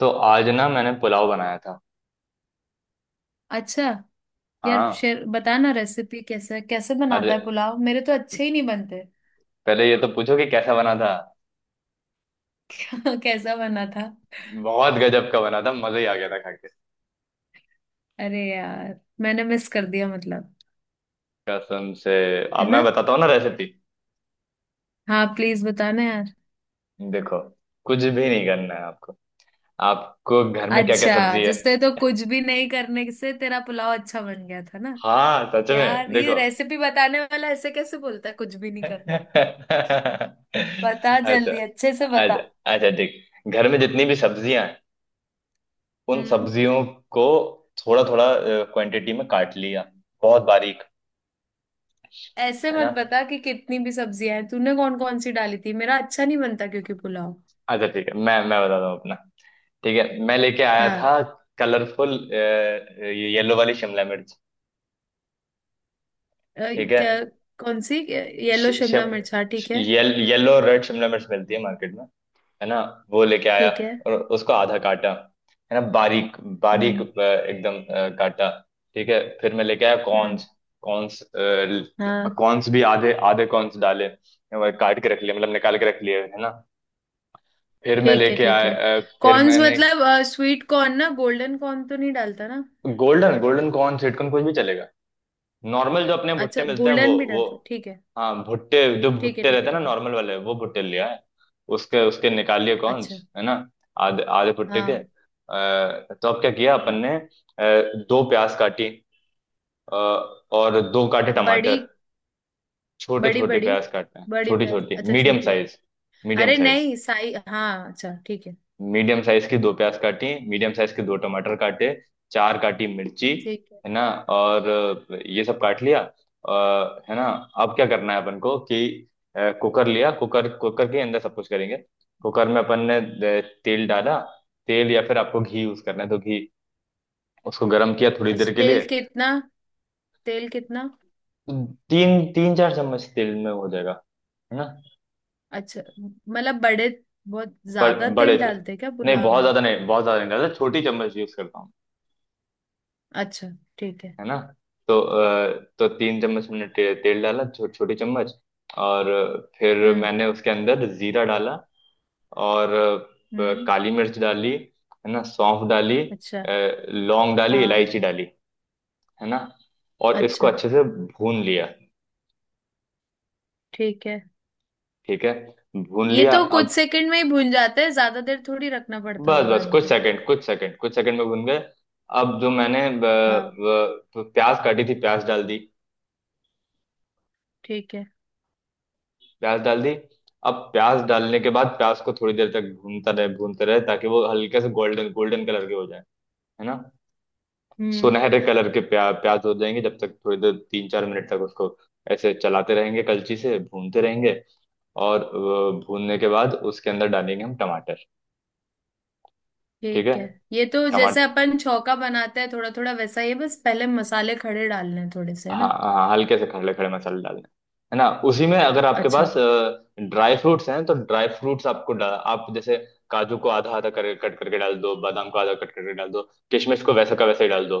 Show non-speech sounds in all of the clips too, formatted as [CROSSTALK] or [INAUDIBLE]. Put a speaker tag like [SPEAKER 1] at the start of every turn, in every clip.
[SPEAKER 1] तो आज ना मैंने पुलाव बनाया था।
[SPEAKER 2] अच्छा। यार
[SPEAKER 1] हाँ।
[SPEAKER 2] शेर बताना रेसिपी कैसे कैसे
[SPEAKER 1] अरे
[SPEAKER 2] बनाता है पुलाव, मेरे तो अच्छे ही नहीं बनते।
[SPEAKER 1] पहले ये तो पूछो कि कैसा बना था।
[SPEAKER 2] [LAUGHS] कैसा बना था?
[SPEAKER 1] बहुत गजब का बना था, मजा ही आ गया था खा के।
[SPEAKER 2] अरे यार मैंने मिस कर दिया मतलब।
[SPEAKER 1] कसम से। अब
[SPEAKER 2] है ना?
[SPEAKER 1] मैं बताता हूँ ना रेसिपी।
[SPEAKER 2] हाँ प्लीज बताना यार।
[SPEAKER 1] देखो, कुछ भी नहीं करना है आपको। आपको घर में क्या क्या
[SPEAKER 2] अच्छा,
[SPEAKER 1] सब्जी है।
[SPEAKER 2] जिससे तो कुछ भी नहीं करने से तेरा पुलाव अच्छा बन गया था ना।
[SPEAKER 1] हाँ सच में,
[SPEAKER 2] यार ये
[SPEAKER 1] देखो।
[SPEAKER 2] रेसिपी बताने वाला ऐसे कैसे बोलता है कुछ भी
[SPEAKER 1] [LAUGHS]
[SPEAKER 2] नहीं करना है।
[SPEAKER 1] अच्छा।
[SPEAKER 2] बता जल्दी, अच्छे से बता।
[SPEAKER 1] अच्छा। अच्छा ठीक, घर में जितनी भी सब्जियां हैं उन
[SPEAKER 2] हम्म।
[SPEAKER 1] सब्जियों को थोड़ा थोड़ा क्वांटिटी में काट लिया, बहुत बारीक।
[SPEAKER 2] ऐसे
[SPEAKER 1] है
[SPEAKER 2] मत
[SPEAKER 1] ना।
[SPEAKER 2] बता कि कितनी भी सब्जियां हैं, तूने कौन कौन सी डाली थी, मेरा अच्छा नहीं बनता क्योंकि पुलाव।
[SPEAKER 1] अच्छा ठीक है, मैं बताता हूँ अपना। ठीक है, मैं लेके आया
[SPEAKER 2] हाँ।
[SPEAKER 1] था कलरफुल येलो वाली शिमला मिर्च।
[SPEAKER 2] अ,
[SPEAKER 1] ठीक है।
[SPEAKER 2] क्या? कौन सी? येलो
[SPEAKER 1] शि-
[SPEAKER 2] शिमला
[SPEAKER 1] शिम-
[SPEAKER 2] मिर्च, हाँ ठीक
[SPEAKER 1] शि-
[SPEAKER 2] है।
[SPEAKER 1] येल, येलो रेड शिमला मिर्च मिलती है मार्केट में। है ना। वो लेके आया
[SPEAKER 2] ठीक है।
[SPEAKER 1] और उसको आधा काटा, है ना, बारीक। बारीक
[SPEAKER 2] हम्म।
[SPEAKER 1] एकदम काटा। ठीक है, फिर मैं लेके आया
[SPEAKER 2] हम्म।
[SPEAKER 1] कॉर्न्स। कॉर्न्स,
[SPEAKER 2] हाँ
[SPEAKER 1] कॉर्न्स भी आधे आधे कॉर्न्स डाले। वो काट के रख लिए, मतलब निकाल के रख लिए, है ना। फिर मैं
[SPEAKER 2] ठीक है।
[SPEAKER 1] लेके
[SPEAKER 2] ठीक है।
[SPEAKER 1] आया फिर
[SPEAKER 2] कॉर्न्स
[SPEAKER 1] मैंने।
[SPEAKER 2] मतलब स्वीट कॉर्न ना, गोल्डन कॉर्न तो नहीं डालता ना?
[SPEAKER 1] गोल्डन गोल्डन कॉर्न सिटकॉर्न कुछ भी चलेगा। नॉर्मल जो अपने भुट्टे
[SPEAKER 2] अच्छा,
[SPEAKER 1] मिलते हैं वो
[SPEAKER 2] गोल्डन भी
[SPEAKER 1] वो
[SPEAKER 2] डालता, ठीक है।
[SPEAKER 1] हाँ भुट्टे, जो
[SPEAKER 2] ठीक है,
[SPEAKER 1] भुट्टे
[SPEAKER 2] ठीक
[SPEAKER 1] रहते
[SPEAKER 2] है,
[SPEAKER 1] हैं ना
[SPEAKER 2] ठीक है।
[SPEAKER 1] नॉर्मल वाले, वो भुट्टे लिया है। उसके उसके निकाल लिए कॉर्न्स,
[SPEAKER 2] अच्छा।
[SPEAKER 1] है ना। आधे आधे भुट्टे के
[SPEAKER 2] हाँ।
[SPEAKER 1] तो अब क्या किया अपन
[SPEAKER 2] हाँ।
[SPEAKER 1] ने दो प्याज काटी। अ, और दो काटे
[SPEAKER 2] बड़ी।
[SPEAKER 1] टमाटर। छोटे
[SPEAKER 2] बड़ी
[SPEAKER 1] छोटे
[SPEAKER 2] बड़ी,
[SPEAKER 1] प्याज काटना है,
[SPEAKER 2] बड़ी
[SPEAKER 1] छोटी
[SPEAKER 2] प्याज?
[SPEAKER 1] छोटी
[SPEAKER 2] अच्छा,
[SPEAKER 1] मीडियम
[SPEAKER 2] छोटी।
[SPEAKER 1] साइज। मीडियम
[SPEAKER 2] अरे
[SPEAKER 1] साइज।
[SPEAKER 2] नहीं साई, हाँ अच्छा ठीक है।
[SPEAKER 1] मीडियम साइज की दो प्याज काटी, मीडियम साइज के दो टमाटर काटे। चार काटी मिर्ची।
[SPEAKER 2] ठीक है।
[SPEAKER 1] है ना और ये सब काट लिया, है ना। अब क्या करना है अपन को कि कुकर लिया। कुकर। कुकर के अंदर सब कुछ करेंगे। कुकर में अपन ने तेल डाला। तेल या फिर आपको घी यूज करना है तो घी। उसको गर्म किया थोड़ी
[SPEAKER 2] अच्छा,
[SPEAKER 1] देर के
[SPEAKER 2] तेल
[SPEAKER 1] लिए।
[SPEAKER 2] कितना? तेल कितना?
[SPEAKER 1] तो तीन तीन चार चम्मच तेल में हो जाएगा, है ना।
[SPEAKER 2] अच्छा मतलब बड़े, बहुत ज्यादा
[SPEAKER 1] बड़े
[SPEAKER 2] तेल डालते हैं क्या
[SPEAKER 1] नहीं,
[SPEAKER 2] पुलाव
[SPEAKER 1] बहुत
[SPEAKER 2] में?
[SPEAKER 1] ज्यादा नहीं, बहुत ज्यादा नहीं डालते, छोटी चम्मच यूज करता हूँ।
[SPEAKER 2] अच्छा, ठीक है।
[SPEAKER 1] है ना। तो तो तीन चम्मच मैंने तेल डाला, छोटी चम्मच। और फिर
[SPEAKER 2] हम्म।
[SPEAKER 1] मैंने उसके अंदर जीरा डाला, और
[SPEAKER 2] हम्म।
[SPEAKER 1] काली मिर्च डाली, है ना, सौंफ डाली।
[SPEAKER 2] अच्छा।
[SPEAKER 1] अ, लौंग डाली,
[SPEAKER 2] हाँ।
[SPEAKER 1] इलायची डाली, है ना, और इसको
[SPEAKER 2] अच्छा,
[SPEAKER 1] अच्छे से भून लिया।
[SPEAKER 2] ठीक है।
[SPEAKER 1] ठीक है। भून
[SPEAKER 2] ये
[SPEAKER 1] लिया
[SPEAKER 2] तो कुछ
[SPEAKER 1] अब।
[SPEAKER 2] सेकंड में ही भून जाते हैं, ज्यादा देर थोड़ी रखना पड़ता
[SPEAKER 1] बस
[SPEAKER 2] होगा
[SPEAKER 1] बस कुछ
[SPEAKER 2] इनको।
[SPEAKER 1] सेकंड, कुछ सेकंड, कुछ सेकंड में भून गए। अब जो मैंने
[SPEAKER 2] हाँ,
[SPEAKER 1] प्याज काटी थी प्याज डाल दी।
[SPEAKER 2] ठीक है।
[SPEAKER 1] प्याज डाल दी। अब प्याज डालने के बाद प्याज को थोड़ी देर तक भूनता रहे, भूनते रहे, ताकि वो हल्के से गोल्डन गोल्डन कलर के हो जाए, है ना।
[SPEAKER 2] हम्म।
[SPEAKER 1] सुनहरे कलर के प्याज हो जाएंगे जब तक, थोड़ी देर, तीन चार मिनट तक उसको ऐसे चलाते रहेंगे, कलची से भूनते रहेंगे। और भूनने के बाद उसके अंदर डालेंगे हम टमाटर। ठीक है।
[SPEAKER 2] ठीक है। ये तो जैसे अपन छौका बनाते हैं थोड़ा थोड़ा वैसा ही है, बस पहले मसाले खड़े डालने हैं थोड़े से, है
[SPEAKER 1] हाँ
[SPEAKER 2] ना?
[SPEAKER 1] हाँ हल्के से खड़े खड़े मसाले डालने हैं। है ना। उसी में अगर आपके
[SPEAKER 2] अच्छा,
[SPEAKER 1] पास ड्राई फ्रूट्स हैं तो ड्राई फ्रूट्स आपको आप जैसे काजू को आधा आधा कर, कट करके डाल दो, बादाम को आधा कट करके डाल दो, किशमिश को वैसा का वैसे ही डाल दो।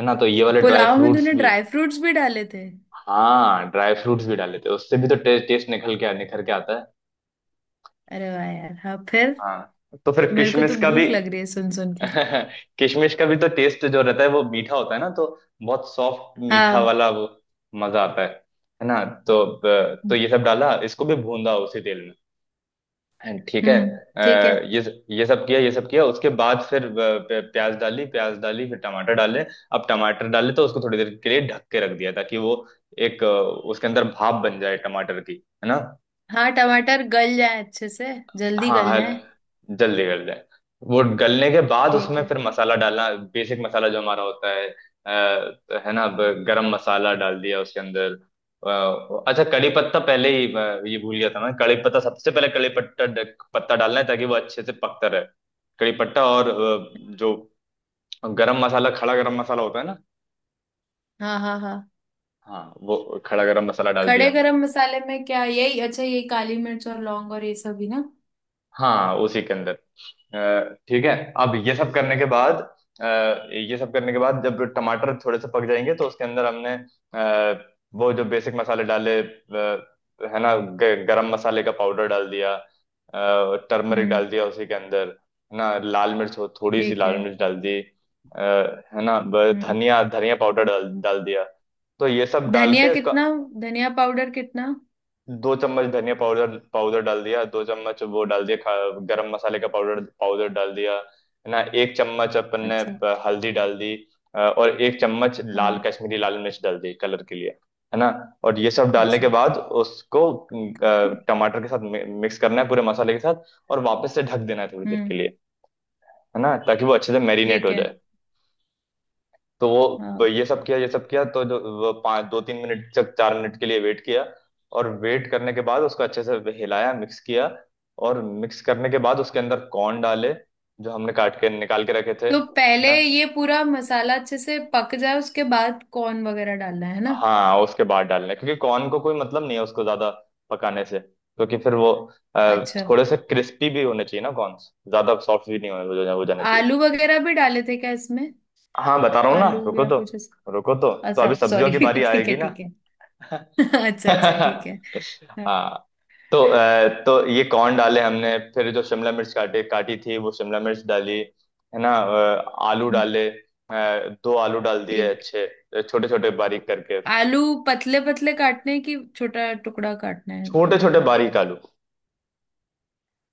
[SPEAKER 1] है ना, तो ये वाले ड्राई
[SPEAKER 2] पुलाव में तूने
[SPEAKER 1] फ्रूट्स भी।
[SPEAKER 2] ड्राई फ्रूट्स भी डाले थे?
[SPEAKER 1] हाँ, ड्राई फ्रूट्स भी डाल लेते हैं, उससे भी तो टेस्ट टेस्ट निकल के निखर के आता है।
[SPEAKER 2] अरे वाह यार, हाँ फिर।
[SPEAKER 1] हाँ, तो फिर
[SPEAKER 2] मेरे को तो
[SPEAKER 1] किशमिश का भी।
[SPEAKER 2] भूख लग रही है सुन सुन
[SPEAKER 1] [LAUGHS]
[SPEAKER 2] के।
[SPEAKER 1] किशमिश का भी तो टेस्ट जो रहता है वो मीठा होता है ना, तो बहुत सॉफ्ट मीठा
[SPEAKER 2] हाँ।
[SPEAKER 1] वाला वो। मजा आता है। है ना, तो तो ये सब डाला, इसको भी भूंदा उसी तेल में। And ठीक है
[SPEAKER 2] ठीक है।
[SPEAKER 1] ये सब किया, ये सब किया, उसके बाद फिर प्याज डाली। प्याज डाली। फिर टमाटर डाले। अब टमाटर डाले तो उसको थोड़ी देर के लिए ढक के रख दिया ताकि वो एक उसके अंदर भाप बन जाए टमाटर की, है ना।
[SPEAKER 2] हाँ, टमाटर गल जाए अच्छे से, जल्दी
[SPEAKER 1] हाँ
[SPEAKER 2] गल जाए।
[SPEAKER 1] जल्दी गल जाए। वो गलने के बाद
[SPEAKER 2] ठीक
[SPEAKER 1] उसमें
[SPEAKER 2] है।
[SPEAKER 1] फिर मसाला डालना, बेसिक मसाला जो हमारा होता है है ना। अब गरम मसाला डाल दिया उसके अंदर, अच्छा, कड़ी पत्ता पहले ही, ये भूल गया था मैं। कड़ी पत्ता सबसे पहले कड़ी पत्ता पत्ता डालना है ताकि वो अच्छे से पकता रहे। कड़ी पत्ता और जो गरम मसाला, खड़ा गरम मसाला होता है ना।
[SPEAKER 2] हाँ हाँ हाँ।
[SPEAKER 1] हाँ वो खड़ा गरम मसाला डाल दिया,
[SPEAKER 2] खड़े गरम मसाले में क्या यही अच्छा, ये काली मिर्च और लौंग और ये सब ही ना?
[SPEAKER 1] हाँ उसी के अंदर। अ, ठीक है। अब ये सब करने के बाद, अ, ये सब करने के बाद, जब टमाटर थोड़े से पक जाएंगे तो उसके अंदर हमने वो जो बेसिक मसाले डाले, है ना। गरम मसाले का पाउडर डाल दिया। टर्मरिक डाल
[SPEAKER 2] हम्म।
[SPEAKER 1] दिया उसी के अंदर, है ना। लाल मिर्च हो, थोड़ी सी
[SPEAKER 2] ठीक
[SPEAKER 1] लाल
[SPEAKER 2] है।
[SPEAKER 1] मिर्च डाल दी, है ना। ब-
[SPEAKER 2] हम्म।
[SPEAKER 1] धनिया धनिया पाउडर डाल डाल दिया। तो ये सब डाल
[SPEAKER 2] धनिया
[SPEAKER 1] के इसका।
[SPEAKER 2] कितना? धनिया पाउडर कितना?
[SPEAKER 1] दो चम्मच धनिया पाउडर, डाल दिया, दो चम्मच वो डाल दिया। गरम मसाले का पाउडर पाउडर डाल दिया, है ना। एक चम्मच अपन ने
[SPEAKER 2] अच्छा।
[SPEAKER 1] हल्दी डाल दी, और एक चम्मच लाल,
[SPEAKER 2] हाँ।
[SPEAKER 1] कश्मीरी लाल मिर्च डाल दी कलर के लिए, है ना। और ये सब डालने के
[SPEAKER 2] अच्छा।
[SPEAKER 1] बाद उसको टमाटर के साथ मिक्स करना है पूरे मसाले के साथ, और वापस से ढक देना है थोड़ी देर
[SPEAKER 2] हम्म।
[SPEAKER 1] के लिए, है ना, ताकि वो अच्छे से मैरिनेट
[SPEAKER 2] ठीक
[SPEAKER 1] हो
[SPEAKER 2] है।
[SPEAKER 1] जाए। तो वो, तो
[SPEAKER 2] हाँ।
[SPEAKER 1] ये सब किया, ये सब किया, तो जो वो पाँच, दो तीन मिनट तक, चार मिनट के लिए वेट किया। और वेट करने के बाद उसको अच्छे से हिलाया, मिक्स किया, और मिक्स करने के बाद उसके अंदर कॉर्न डाले, जो हमने काट के निकाल के रखे थे,
[SPEAKER 2] तो
[SPEAKER 1] है
[SPEAKER 2] पहले
[SPEAKER 1] ना।
[SPEAKER 2] ये पूरा मसाला अच्छे से पक जाए उसके बाद कॉर्न वगैरह डालना है ना?
[SPEAKER 1] हाँ उसके बाद डालने, क्योंकि कॉर्न को कोई मतलब नहीं है उसको ज्यादा पकाने से, क्योंकि फिर वो
[SPEAKER 2] अच्छा,
[SPEAKER 1] थोड़े से क्रिस्पी भी होने चाहिए ना कॉर्न्स, ज्यादा सॉफ्ट भी नहीं होने, वो जाने चाहिए।
[SPEAKER 2] आलू वगैरह भी डाले थे क्या इसमें?
[SPEAKER 1] हाँ बता रहा हूँ ना,
[SPEAKER 2] आलू
[SPEAKER 1] रुको
[SPEAKER 2] या
[SPEAKER 1] तो।
[SPEAKER 2] कुछ ऐसा।
[SPEAKER 1] रुको तो। तो अभी
[SPEAKER 2] अच्छा,
[SPEAKER 1] सब्जियों
[SPEAKER 2] सॉरी। [LAUGHS]
[SPEAKER 1] की बारी
[SPEAKER 2] ठीक
[SPEAKER 1] आएगी
[SPEAKER 2] है,
[SPEAKER 1] ना।
[SPEAKER 2] ठीक है। [LAUGHS]
[SPEAKER 1] [LAUGHS]
[SPEAKER 2] अच्छा अच्छा, ठीक है। हाँ।
[SPEAKER 1] हाँ। तो तो ये कौन डाले, हमने फिर जो शिमला मिर्च काटे काटी थी वो शिमला मिर्च डाली, है ना, आलू डाले, दो आलू डाल दिए
[SPEAKER 2] ठीक।
[SPEAKER 1] अच्छे, छोटे छोटे बारीक करके।
[SPEAKER 2] आलू पतले पतले काटने की, छोटा टुकड़ा काटना है
[SPEAKER 1] छोटे छोटे
[SPEAKER 2] मतलब?
[SPEAKER 1] बारीक आलू।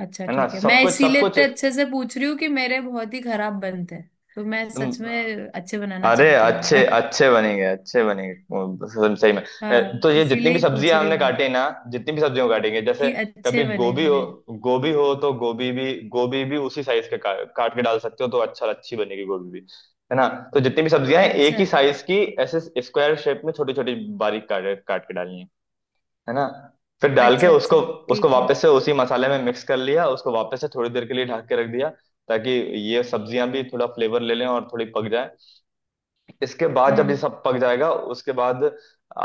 [SPEAKER 2] अच्छा
[SPEAKER 1] है ना,
[SPEAKER 2] ठीक है,
[SPEAKER 1] सब
[SPEAKER 2] मैं
[SPEAKER 1] कुछ सब
[SPEAKER 2] इसीलिए
[SPEAKER 1] कुछ।
[SPEAKER 2] इतने अच्छे से पूछ रही हूँ कि मेरे बहुत ही खराब बनते हैं। तो मैं सच में अच्छे बनाना
[SPEAKER 1] अरे
[SPEAKER 2] चाहती हूँ एक
[SPEAKER 1] अच्छे
[SPEAKER 2] बार। [LAUGHS]
[SPEAKER 1] अच्छे बनेंगे, अच्छे बनेंगे वो, सही सही में।
[SPEAKER 2] हाँ,
[SPEAKER 1] तो ये जितनी
[SPEAKER 2] इसीलिए
[SPEAKER 1] भी
[SPEAKER 2] ही पूछ
[SPEAKER 1] सब्जियां
[SPEAKER 2] रही
[SPEAKER 1] हमने
[SPEAKER 2] हूँ मैं,
[SPEAKER 1] काटी ना, जितनी भी सब्जियों को काटेंगे, जैसे
[SPEAKER 2] कि
[SPEAKER 1] कभी
[SPEAKER 2] अच्छे बने
[SPEAKER 1] गोभी हो,
[SPEAKER 2] मेरे।
[SPEAKER 1] गोभी हो तो गोभी भी, गोभी भी उसी साइज के काट के डाल सकते हो, तो अच्छा, अच्छी बनेगी गोभी भी, है ना। तो जितनी भी सब्जियां हैं,
[SPEAKER 2] अच्छा
[SPEAKER 1] एक ही साइज की ऐसे स्क्वायर शेप में छोटी छोटी बारीक काट काट के डालनी है ना। फिर डाल के
[SPEAKER 2] अच्छा।
[SPEAKER 1] उसको,
[SPEAKER 2] अच्छा,
[SPEAKER 1] उसको
[SPEAKER 2] ठीक है।
[SPEAKER 1] वापस से उसी मसाले में मिक्स कर लिया, उसको वापस से थोड़ी देर के लिए ढक के रख दिया, ताकि ये सब्जियां भी थोड़ा फ्लेवर ले लें और थोड़ी पक जाए। इसके बाद जब ये
[SPEAKER 2] हम्म।
[SPEAKER 1] सब पक जाएगा उसके बाद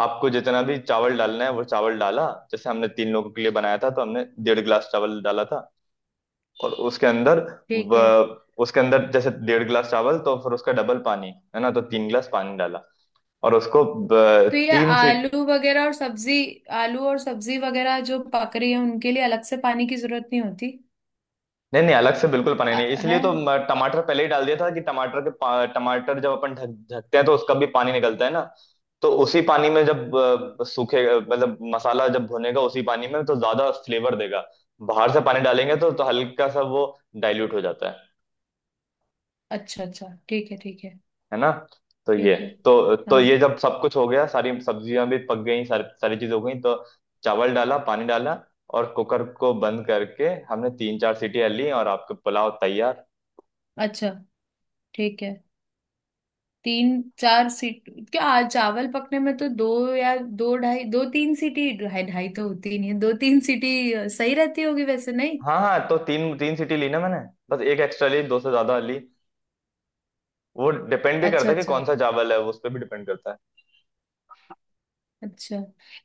[SPEAKER 1] आपको जितना भी चावल डालना है वो चावल डाला। जैसे हमने तीन लोगों के लिए बनाया था तो हमने डेढ़ गिलास चावल डाला था, और उसके अंदर
[SPEAKER 2] ठीक है।
[SPEAKER 1] व, उसके अंदर जैसे डेढ़ गिलास चावल, तो फिर उसका डबल पानी, है ना, तो तीन गिलास पानी डाला। और उसको
[SPEAKER 2] तो ये
[SPEAKER 1] तीन सीट।
[SPEAKER 2] आलू वगैरह और सब्जी, आलू और सब्जी वगैरह जो पक रही है उनके लिए अलग से पानी की जरूरत नहीं होती?
[SPEAKER 1] नहीं नहीं अलग से बिल्कुल पनीर नहीं,
[SPEAKER 2] अ-।
[SPEAKER 1] इसलिए
[SPEAKER 2] है।
[SPEAKER 1] तो टमाटर पहले ही डाल दिया था कि टमाटर के टमाटर जब अपन ढक, ढकते हैं तो उसका भी पानी निकलता है ना। तो उसी पानी में जब सूखे, मतलब मसाला जब भुनेगा उसी पानी में, तो ज्यादा फ्लेवर देगा। बाहर से पानी डालेंगे तो हल्का सा वो डाइल्यूट हो जाता है
[SPEAKER 2] अच्छा अच्छा, ठीक है, ठीक है।
[SPEAKER 1] है ना। तो ये।
[SPEAKER 2] ठीक है।
[SPEAKER 1] तो ये
[SPEAKER 2] हाँ।
[SPEAKER 1] जब सब कुछ हो गया, सारी सब्जियां भी पक गई, सारी सारी चीज हो गई, तो चावल डाला, पानी डाला, और कुकर को बंद करके हमने तीन चार सीटी ली, और आपके पुलाव तैयार।
[SPEAKER 2] अच्छा, ठीक है। तीन चार सीट क्या, आज चावल पकने में तो दो या दो ढाई, दो तीन सीटी, ढाई ढाई तो होती ही नहीं है, दो तीन सीटी सही रहती होगी वैसे नहीं?
[SPEAKER 1] हाँ हाँ, तो तीन तीन सीटी ली ना मैंने, बस एक एक्स्ट्रा ली, दो से ज्यादा ली। वो डिपेंड भी
[SPEAKER 2] अच्छा
[SPEAKER 1] करता है कि
[SPEAKER 2] अच्छा।
[SPEAKER 1] कौन सा चावल है, वो उस पर भी डिपेंड करता है।
[SPEAKER 2] अच्छा।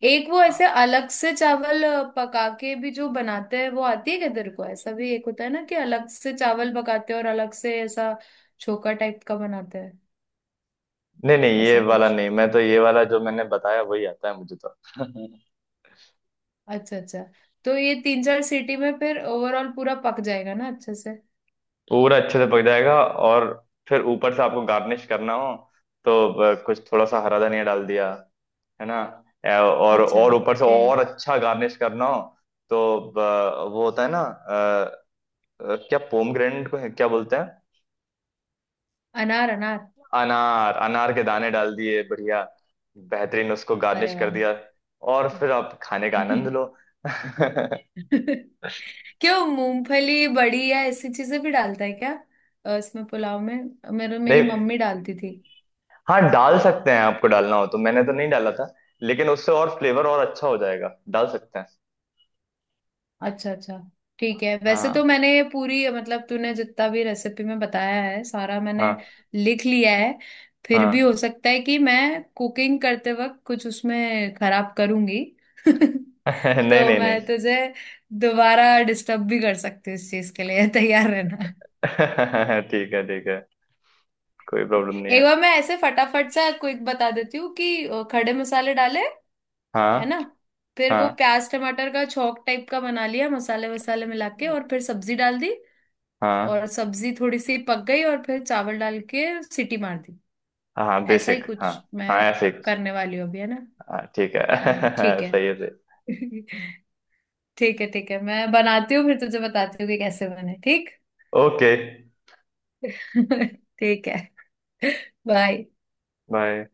[SPEAKER 2] एक वो
[SPEAKER 1] हाँ।
[SPEAKER 2] ऐसे अलग से चावल पका के भी जो बनाते हैं वो आती है क्या तेरे को, ऐसा भी एक होता है ना कि अलग से चावल पकाते हैं और अलग से ऐसा छोका टाइप का बनाते हैं,
[SPEAKER 1] नहीं नहीं, ये
[SPEAKER 2] ऐसा
[SPEAKER 1] वाला
[SPEAKER 2] कुछ।
[SPEAKER 1] नहीं, मैं तो ये वाला जो मैंने बताया वही आता है मुझे तो। [LAUGHS]
[SPEAKER 2] अच्छा अच्छा। तो ये तीन चार सीटी में फिर ओवरऑल पूरा पक जाएगा ना अच्छे से?
[SPEAKER 1] पूरा अच्छे से पक जाएगा। और फिर ऊपर से आपको गार्निश करना हो तो कुछ थोड़ा सा हरा धनिया डाल दिया, है ना। और
[SPEAKER 2] अच्छा।
[SPEAKER 1] ऊपर से और
[SPEAKER 2] ठीक।
[SPEAKER 1] अच्छा गार्निश करना हो तो वो होता है ना, क्या, पोमग्रेनेट को क्या बोलते हैं।
[SPEAKER 2] अनार, अनार।
[SPEAKER 1] अनार, अनार के दाने डाल दिए, बढ़िया बेहतरीन, उसको गार्निश
[SPEAKER 2] अरे
[SPEAKER 1] कर
[SPEAKER 2] वाह।
[SPEAKER 1] दिया। और फिर आप खाने का आनंद लो। [LAUGHS] नहीं।
[SPEAKER 2] [LAUGHS] क्यों मूंगफली बड़ी या ऐसी चीजें भी डालता है क्या इसमें, पुलाव में? मेरे मेरी मम्मी डालती थी।
[SPEAKER 1] हाँ डाल सकते हैं, आपको डालना हो तो। मैंने तो नहीं डाला था, लेकिन उससे और फ्लेवर और अच्छा हो जाएगा, डाल सकते हैं।
[SPEAKER 2] अच्छा अच्छा, ठीक है। वैसे
[SPEAKER 1] हाँ
[SPEAKER 2] तो मैंने ये पूरी मतलब तूने जितना भी रेसिपी में बताया है सारा मैंने
[SPEAKER 1] हाँ
[SPEAKER 2] लिख लिया है। फिर भी हो
[SPEAKER 1] हाँ।
[SPEAKER 2] सकता है कि मैं कुकिंग करते वक्त कुछ उसमें खराब करूंगी। [LAUGHS]
[SPEAKER 1] [LAUGHS] नहीं
[SPEAKER 2] तो
[SPEAKER 1] नहीं नहीं।
[SPEAKER 2] मैं तुझे दोबारा डिस्टर्ब भी कर सकती हूँ इस चीज के लिए, [LAUGHS] तैयार रहना।
[SPEAKER 1] [LAUGHS] ठीक है, ठीक है, कोई प्रॉब्लम नहीं
[SPEAKER 2] एक
[SPEAKER 1] है।
[SPEAKER 2] बार मैं ऐसे फटाफट सा क्विक बता देती हूँ कि खड़े मसाले डाले, है
[SPEAKER 1] हाँ
[SPEAKER 2] ना? फिर वो
[SPEAKER 1] हाँ
[SPEAKER 2] प्याज टमाटर का छौंक टाइप का बना लिया, मसाले वसाले मिला के, और फिर सब्जी डाल दी।
[SPEAKER 1] हाँ
[SPEAKER 2] और सब्जी थोड़ी सी पक गई और फिर चावल डाल के सीटी मार दी।
[SPEAKER 1] हाँ
[SPEAKER 2] ऐसा ही
[SPEAKER 1] बेसिक हाँ।
[SPEAKER 2] कुछ मैं
[SPEAKER 1] हाँ ऐसे ही कुछ।
[SPEAKER 2] करने वाली हूँ अभी, है ना?
[SPEAKER 1] हाँ, ठीक है। [LAUGHS]
[SPEAKER 2] ठीक है।
[SPEAKER 1] सही है, सही।
[SPEAKER 2] [LAUGHS] ठीक है ठीक है, मैं बनाती हूँ फिर तुझे बताती हूँ कि कैसे बने, ठीक?
[SPEAKER 1] ओके।
[SPEAKER 2] [LAUGHS] ठीक है, बाय।
[SPEAKER 1] बाय।